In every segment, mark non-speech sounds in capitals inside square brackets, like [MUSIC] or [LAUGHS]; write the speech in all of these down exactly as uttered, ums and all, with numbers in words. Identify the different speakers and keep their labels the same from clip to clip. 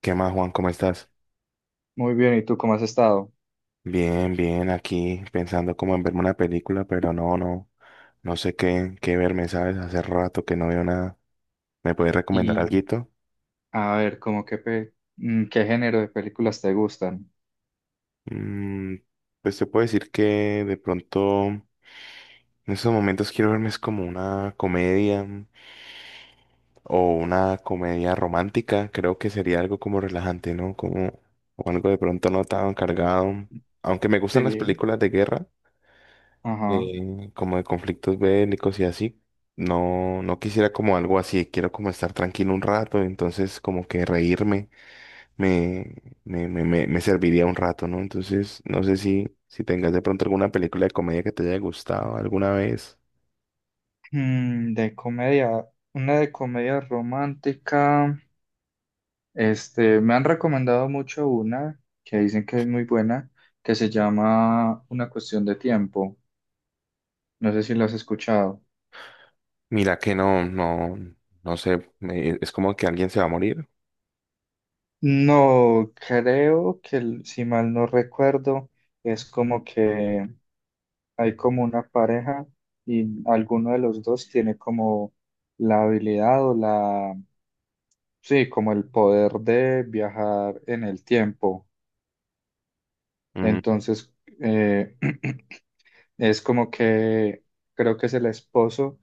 Speaker 1: ¿Qué más, Juan? ¿Cómo estás?
Speaker 2: Muy bien, ¿y tú cómo has estado?
Speaker 1: Bien, bien, aquí pensando como en verme una película, pero no, no, no sé qué, qué verme, ¿sabes? Hace rato que no veo nada. ¿Me puedes recomendar
Speaker 2: Y
Speaker 1: alguito?
Speaker 2: a ver, cómo qué, pe- mm, ¿qué género de películas te gustan?
Speaker 1: Mm, pues te puedo decir que de pronto en estos momentos quiero verme es como una comedia mm, o una comedia romántica. Creo que sería algo como relajante, ¿no? Como o algo de pronto no tan cargado. Aunque me gustan las
Speaker 2: Sí.
Speaker 1: películas de guerra.
Speaker 2: Ajá.
Speaker 1: Eh, como de conflictos bélicos y así. No, no quisiera como algo así, quiero como estar tranquilo un rato, entonces como que reírme me, me, me, me, me serviría un rato, ¿no? Entonces, no sé si, si tengas de pronto alguna película de comedia que te haya gustado alguna vez.
Speaker 2: Mm, de comedia, una de comedia romántica. Este, me han recomendado mucho una que dicen que es muy buena, que se llama Una cuestión de tiempo. No sé si la has escuchado.
Speaker 1: Mira que no, no, no sé, me- es como que alguien se va a morir.
Speaker 2: No, creo que, l- si mal no recuerdo, es como que hay como una pareja y alguno de los dos tiene como la habilidad o la, sí, como el poder de viajar en el tiempo.
Speaker 1: Mm,
Speaker 2: Entonces, eh, [CLEARS THROAT] es como que creo que es el esposo,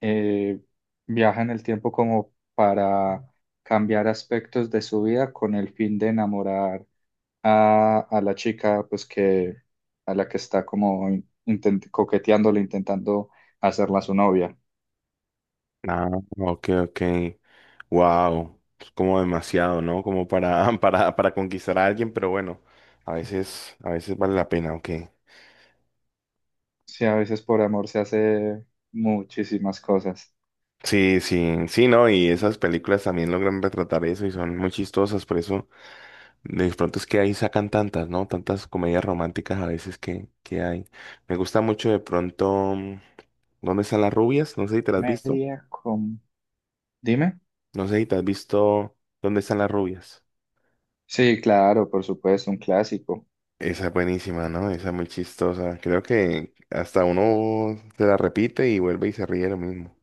Speaker 2: eh, viaja en el tiempo como para cambiar aspectos de su vida con el fin de enamorar a, a la chica, pues que a la que está como intent- coqueteándole, intentando hacerla su novia.
Speaker 1: ah, ok, ok. Wow, como demasiado, ¿no? Como para, [LAUGHS] para, para conquistar a alguien, pero bueno, a veces, a veces vale la pena, ok.
Speaker 2: Sí, a veces por amor se hace muchísimas cosas.
Speaker 1: Sí, sí, sí, ¿no? Y esas películas también logran retratar eso y son muy chistosas, por eso de pronto es que ahí sacan tantas, ¿no? Tantas comedias románticas a veces que, que hay. Me gusta mucho de pronto, mm, ¿Dónde están las rubias? No sé si te las has visto.
Speaker 2: Media con... Dime.
Speaker 1: No sé si te has visto ¿Dónde están las rubias?
Speaker 2: Sí, claro, por supuesto, un clásico.
Speaker 1: Esa es buenísima, ¿no? Esa es muy chistosa. Creo que hasta uno se la repite y vuelve y se ríe de lo mismo.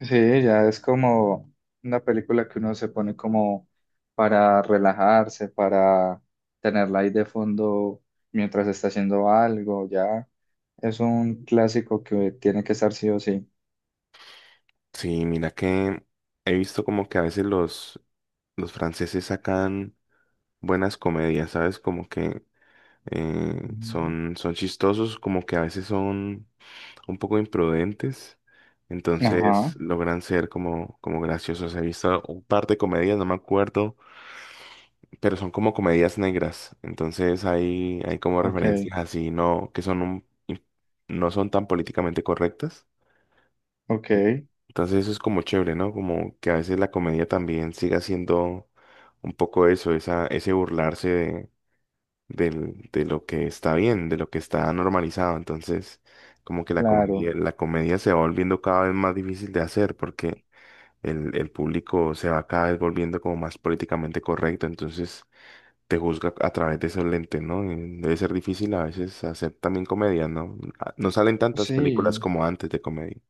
Speaker 2: Sí, ya es como una película que uno se pone como para relajarse, para tenerla ahí de fondo mientras está haciendo algo, ya es un clásico que tiene que estar sí o sí.
Speaker 1: Sí, mira que he visto como que a veces los, los franceses sacan buenas comedias, ¿sabes? Como que eh,
Speaker 2: Ujú.
Speaker 1: son, son chistosos, como que a veces son un poco imprudentes. Entonces
Speaker 2: Ajá,
Speaker 1: logran ser como, como graciosos. He visto un par de comedias, no me acuerdo. Pero son como comedias negras. Entonces hay, hay como
Speaker 2: ok,
Speaker 1: referencias así, no, que son un, in- no son tan políticamente correctas.
Speaker 2: ok,
Speaker 1: En- Entonces eso es como chévere, ¿no? Como que a veces la comedia también siga siendo un poco eso, esa, ese burlarse de, del- de lo que está bien, de lo que está normalizado. Entonces, como que la
Speaker 2: claro.
Speaker 1: comedia, la comedia se va volviendo cada vez más difícil de hacer porque el, el público se va cada vez volviendo como más políticamente correcto. Entonces, te juzga a través de esos lentes, ¿no? Y debe ser difícil a veces hacer también comedia, ¿no? Ah, no salen tantas películas
Speaker 2: Sí,
Speaker 1: como antes de comedia.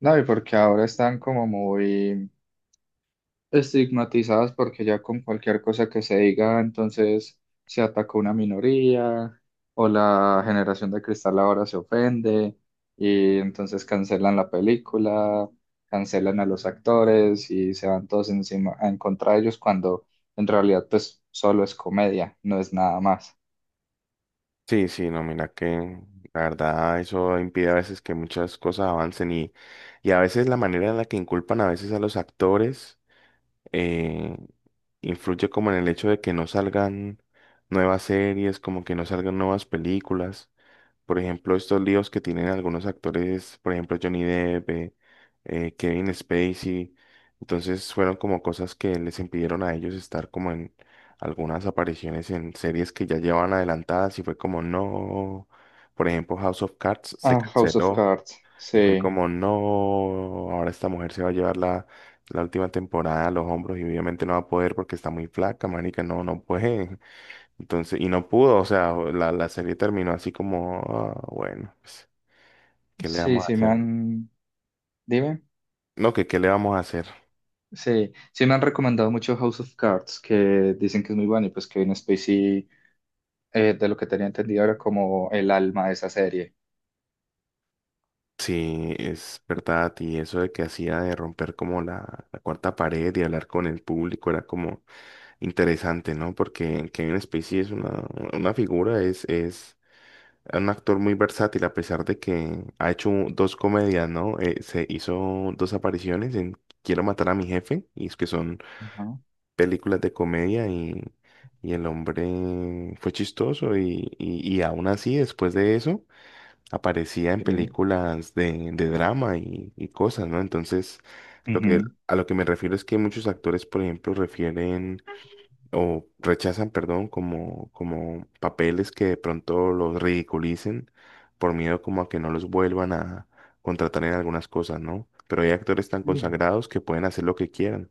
Speaker 2: no, y porque ahora están como muy... estigmatizadas porque ya con cualquier cosa que se diga, entonces se atacó una minoría o la generación de cristal ahora se ofende y entonces cancelan la película, cancelan a los actores y se van todos encima en contra de ellos cuando en realidad pues solo es comedia, no es nada más.
Speaker 1: Sí, sí, no, mira que la verdad eso impide a veces que muchas cosas avancen y, y a veces la manera en la que inculpan a veces a los actores eh, influye como en el hecho de que no salgan nuevas series, como que no salgan nuevas películas. Por ejemplo, estos líos que tienen algunos actores, por ejemplo, Johnny Depp, eh, eh, Kevin Spacey. Entonces fueron como cosas que les impidieron a ellos estar como en algunas apariciones en series que ya llevaban adelantadas y fue como no. Por ejemplo, House of Cards se
Speaker 2: Ah, House of
Speaker 1: canceló
Speaker 2: Cards,
Speaker 1: y fue
Speaker 2: sí,
Speaker 1: como no. Ahora esta mujer se va a llevar la, la última temporada a los hombros y obviamente no va a poder porque está muy flaca, marica, no, no puede. Entonces, y no pudo, o sea, la, la serie terminó así como, ah, bueno, pues, ¿qué le
Speaker 2: sí,
Speaker 1: vamos a
Speaker 2: sí me
Speaker 1: hacer?
Speaker 2: han, dime.
Speaker 1: No, que qué le vamos a hacer.
Speaker 2: Sí, sí me han recomendado mucho House of Cards, que dicen que es muy bueno y pues Kevin Spacey, eh, de lo que tenía entendido era como el alma de esa serie.
Speaker 1: Sí, es verdad, y eso de que hacía de romper como la, la cuarta pared y hablar con el público era como interesante, ¿no? Porque Kevin Spacey es una, una figura, es, es un actor muy versátil, a pesar de que ha hecho dos comedias, ¿no? Eh, se hizo dos apariciones en Quiero matar a mi jefe, y es que son
Speaker 2: Ajá,
Speaker 1: películas de comedia y, y el hombre fue chistoso y, y, y aún así después de eso aparecía en
Speaker 2: sí.
Speaker 1: películas de, de drama y, y cosas, ¿no? Entonces, lo que,
Speaker 2: Ujú.
Speaker 1: a lo que me refiero es que muchos actores, por ejemplo, refieren o rechazan, perdón, como, como papeles que de pronto los ridiculicen por miedo como a que no los vuelvan a contratar en algunas cosas, ¿no? Pero hay actores tan
Speaker 2: Mm.
Speaker 1: consagrados que pueden hacer lo que quieran.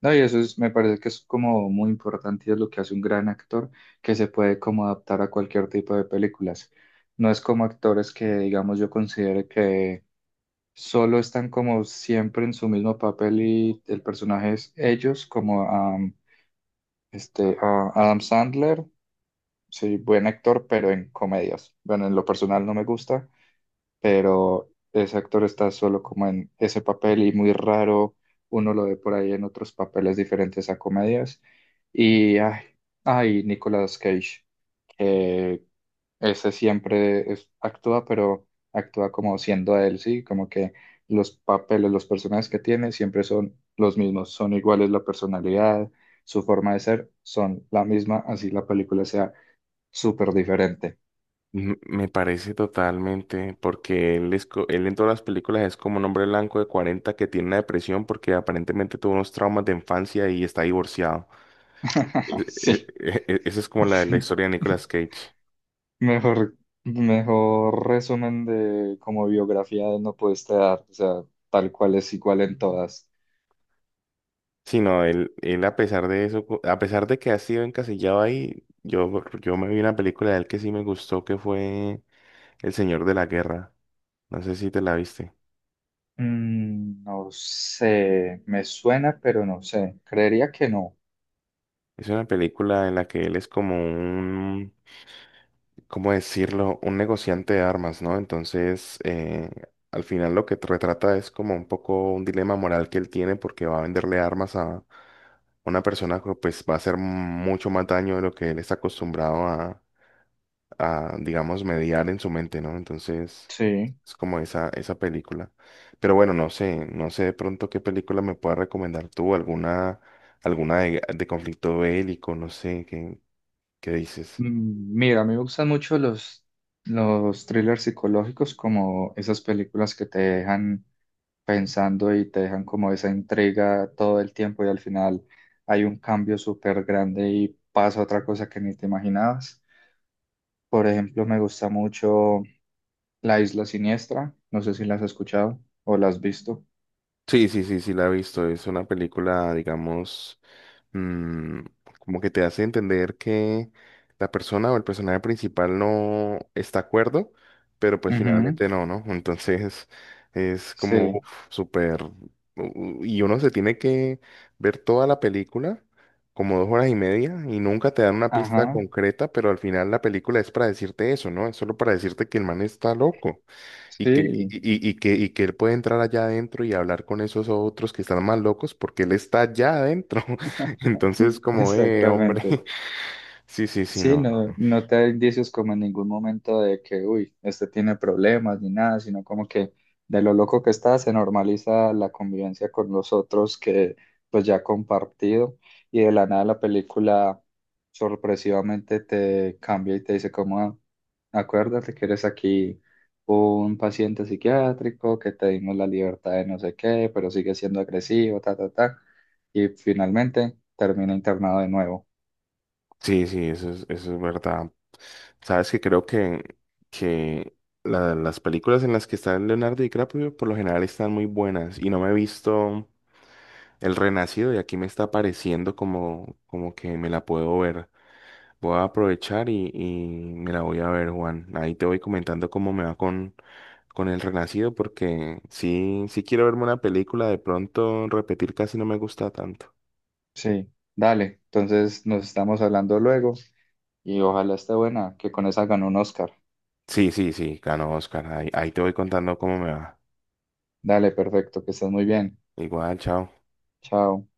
Speaker 2: No, y eso es, me parece que es como muy importante y es lo que hace un gran actor, que se puede como adaptar a cualquier tipo de películas. No es como actores que, digamos, yo considere que solo están como siempre en su mismo papel y el personaje es ellos, como am, este, a Adam Sandler, sí, buen actor, pero en comedias. Bueno, en lo personal no me gusta, pero ese actor está solo como en ese papel y muy raro uno lo ve por ahí en otros papeles diferentes a comedias. Y ay, ay, Nicolas Cage, que ese siempre es- actúa, pero actúa como siendo él, ¿sí? Como que los papeles, los personajes que tiene siempre son los mismos, son iguales la personalidad, su forma de ser, son la misma, así la película sea súper diferente.
Speaker 1: M- Me parece totalmente, porque él, es, co- él en todas las películas es como un hombre blanco de cuarenta que tiene una depresión porque aparentemente tuvo unos traumas de infancia y está divorciado. E-
Speaker 2: [LAUGHS]
Speaker 1: e-
Speaker 2: Sí.
Speaker 1: e- e- Esa es como la, la historia de Nicolas
Speaker 2: [LAUGHS]
Speaker 1: Cage.
Speaker 2: Mejor, mejor resumen de como biografía de no pudiste dar, o sea, tal cual es igual en todas.
Speaker 1: Sí, no, él, él a pesar de eso, co- a pesar de que ha sido encasillado ahí, yo, yo me vi una película de él que sí me gustó, que fue El Señor de la Guerra. No sé si te la viste.
Speaker 2: Mm, no sé, me suena, pero no sé. Creería que no.
Speaker 1: Es una película en la que él es como ¿cómo decirlo? Un negociante de armas, ¿no? Entonces, eh, al final lo que t- retrata es como un poco un dilema moral que él tiene porque va a venderle armas a una persona que pues va a hacer mucho más daño de lo que él está acostumbrado a, a, digamos, mediar en su mente, ¿no? Entonces,
Speaker 2: Sí.
Speaker 1: es como esa, esa película. Pero bueno, no sé, no sé de pronto qué película me puedas recomendar tú, alguna, alguna de, de conflicto bélico, no sé, ¿qué, qué dices?
Speaker 2: Mm, Mira, a mí me gustan mucho los, los thrillers psicológicos, como esas películas que te dejan pensando y te dejan como esa intriga todo el tiempo y al final hay un cambio súper grande y pasa otra cosa que ni te imaginabas. Por ejemplo, me gusta mucho La Isla Siniestra. No sé si la has escuchado o la has visto.
Speaker 1: Sí, sí, sí, sí, la he visto. Es una película, digamos, mm, como que te hace entender que la persona o el personaje principal no está de acuerdo, pero pues
Speaker 2: Ujú,
Speaker 1: finalmente no, ¿no? Entonces [LAUGHS] es como
Speaker 2: sí,
Speaker 1: uf, súper... u- Y uno se tiene que ver toda la película, como dos horas y media, y nunca te dan una pista
Speaker 2: ajá,
Speaker 1: concreta, pero al final la película es para decirte eso, ¿no? Es solo para decirte que el man está loco. Y que,
Speaker 2: sí,
Speaker 1: y, y- y que, y que él puede entrar allá adentro y hablar con esos otros que están más locos porque él está allá adentro. [LAUGHS] Entonces,
Speaker 2: [LAUGHS]
Speaker 1: como, eh, hombre,
Speaker 2: exactamente.
Speaker 1: [LAUGHS] sí, sí, sí,
Speaker 2: Sí,
Speaker 1: no.
Speaker 2: no, no te da indicios como en ningún momento de que, uy, este tiene problemas ni nada, sino como que de lo loco que está se normaliza la convivencia con los otros que pues ya ha compartido y de la nada la película sorpresivamente te cambia y te dice como, "Ah, acuérdate que eres aquí un paciente psiquiátrico, que te dimos la libertad de no sé qué, pero sigue siendo agresivo, ta, ta, ta," y finalmente termina internado de nuevo.
Speaker 1: Sí, sí, eso es, eso es verdad. Sabes que creo que, que la- las películas en las que está Leonardo DiCaprio por lo general están muy buenas y no me he visto El Renacido y aquí me está pareciendo como, como que me la puedo ver. Voy a aprovechar y, y me la voy a ver, Juan. Ahí te voy comentando cómo me va con, con El Renacido, porque sí, sí quiero verme una película, de pronto repetir casi no me gusta tanto.
Speaker 2: Sí, dale. Entonces nos estamos hablando luego y ojalá esté buena, que con esa ganó un Oscar.
Speaker 1: Sí, sí, sí, ganó Oscar. Ahí, ahí te voy contando cómo me va.
Speaker 2: Dale, perfecto, que estés muy bien.
Speaker 1: Igual, chao.
Speaker 2: Chao.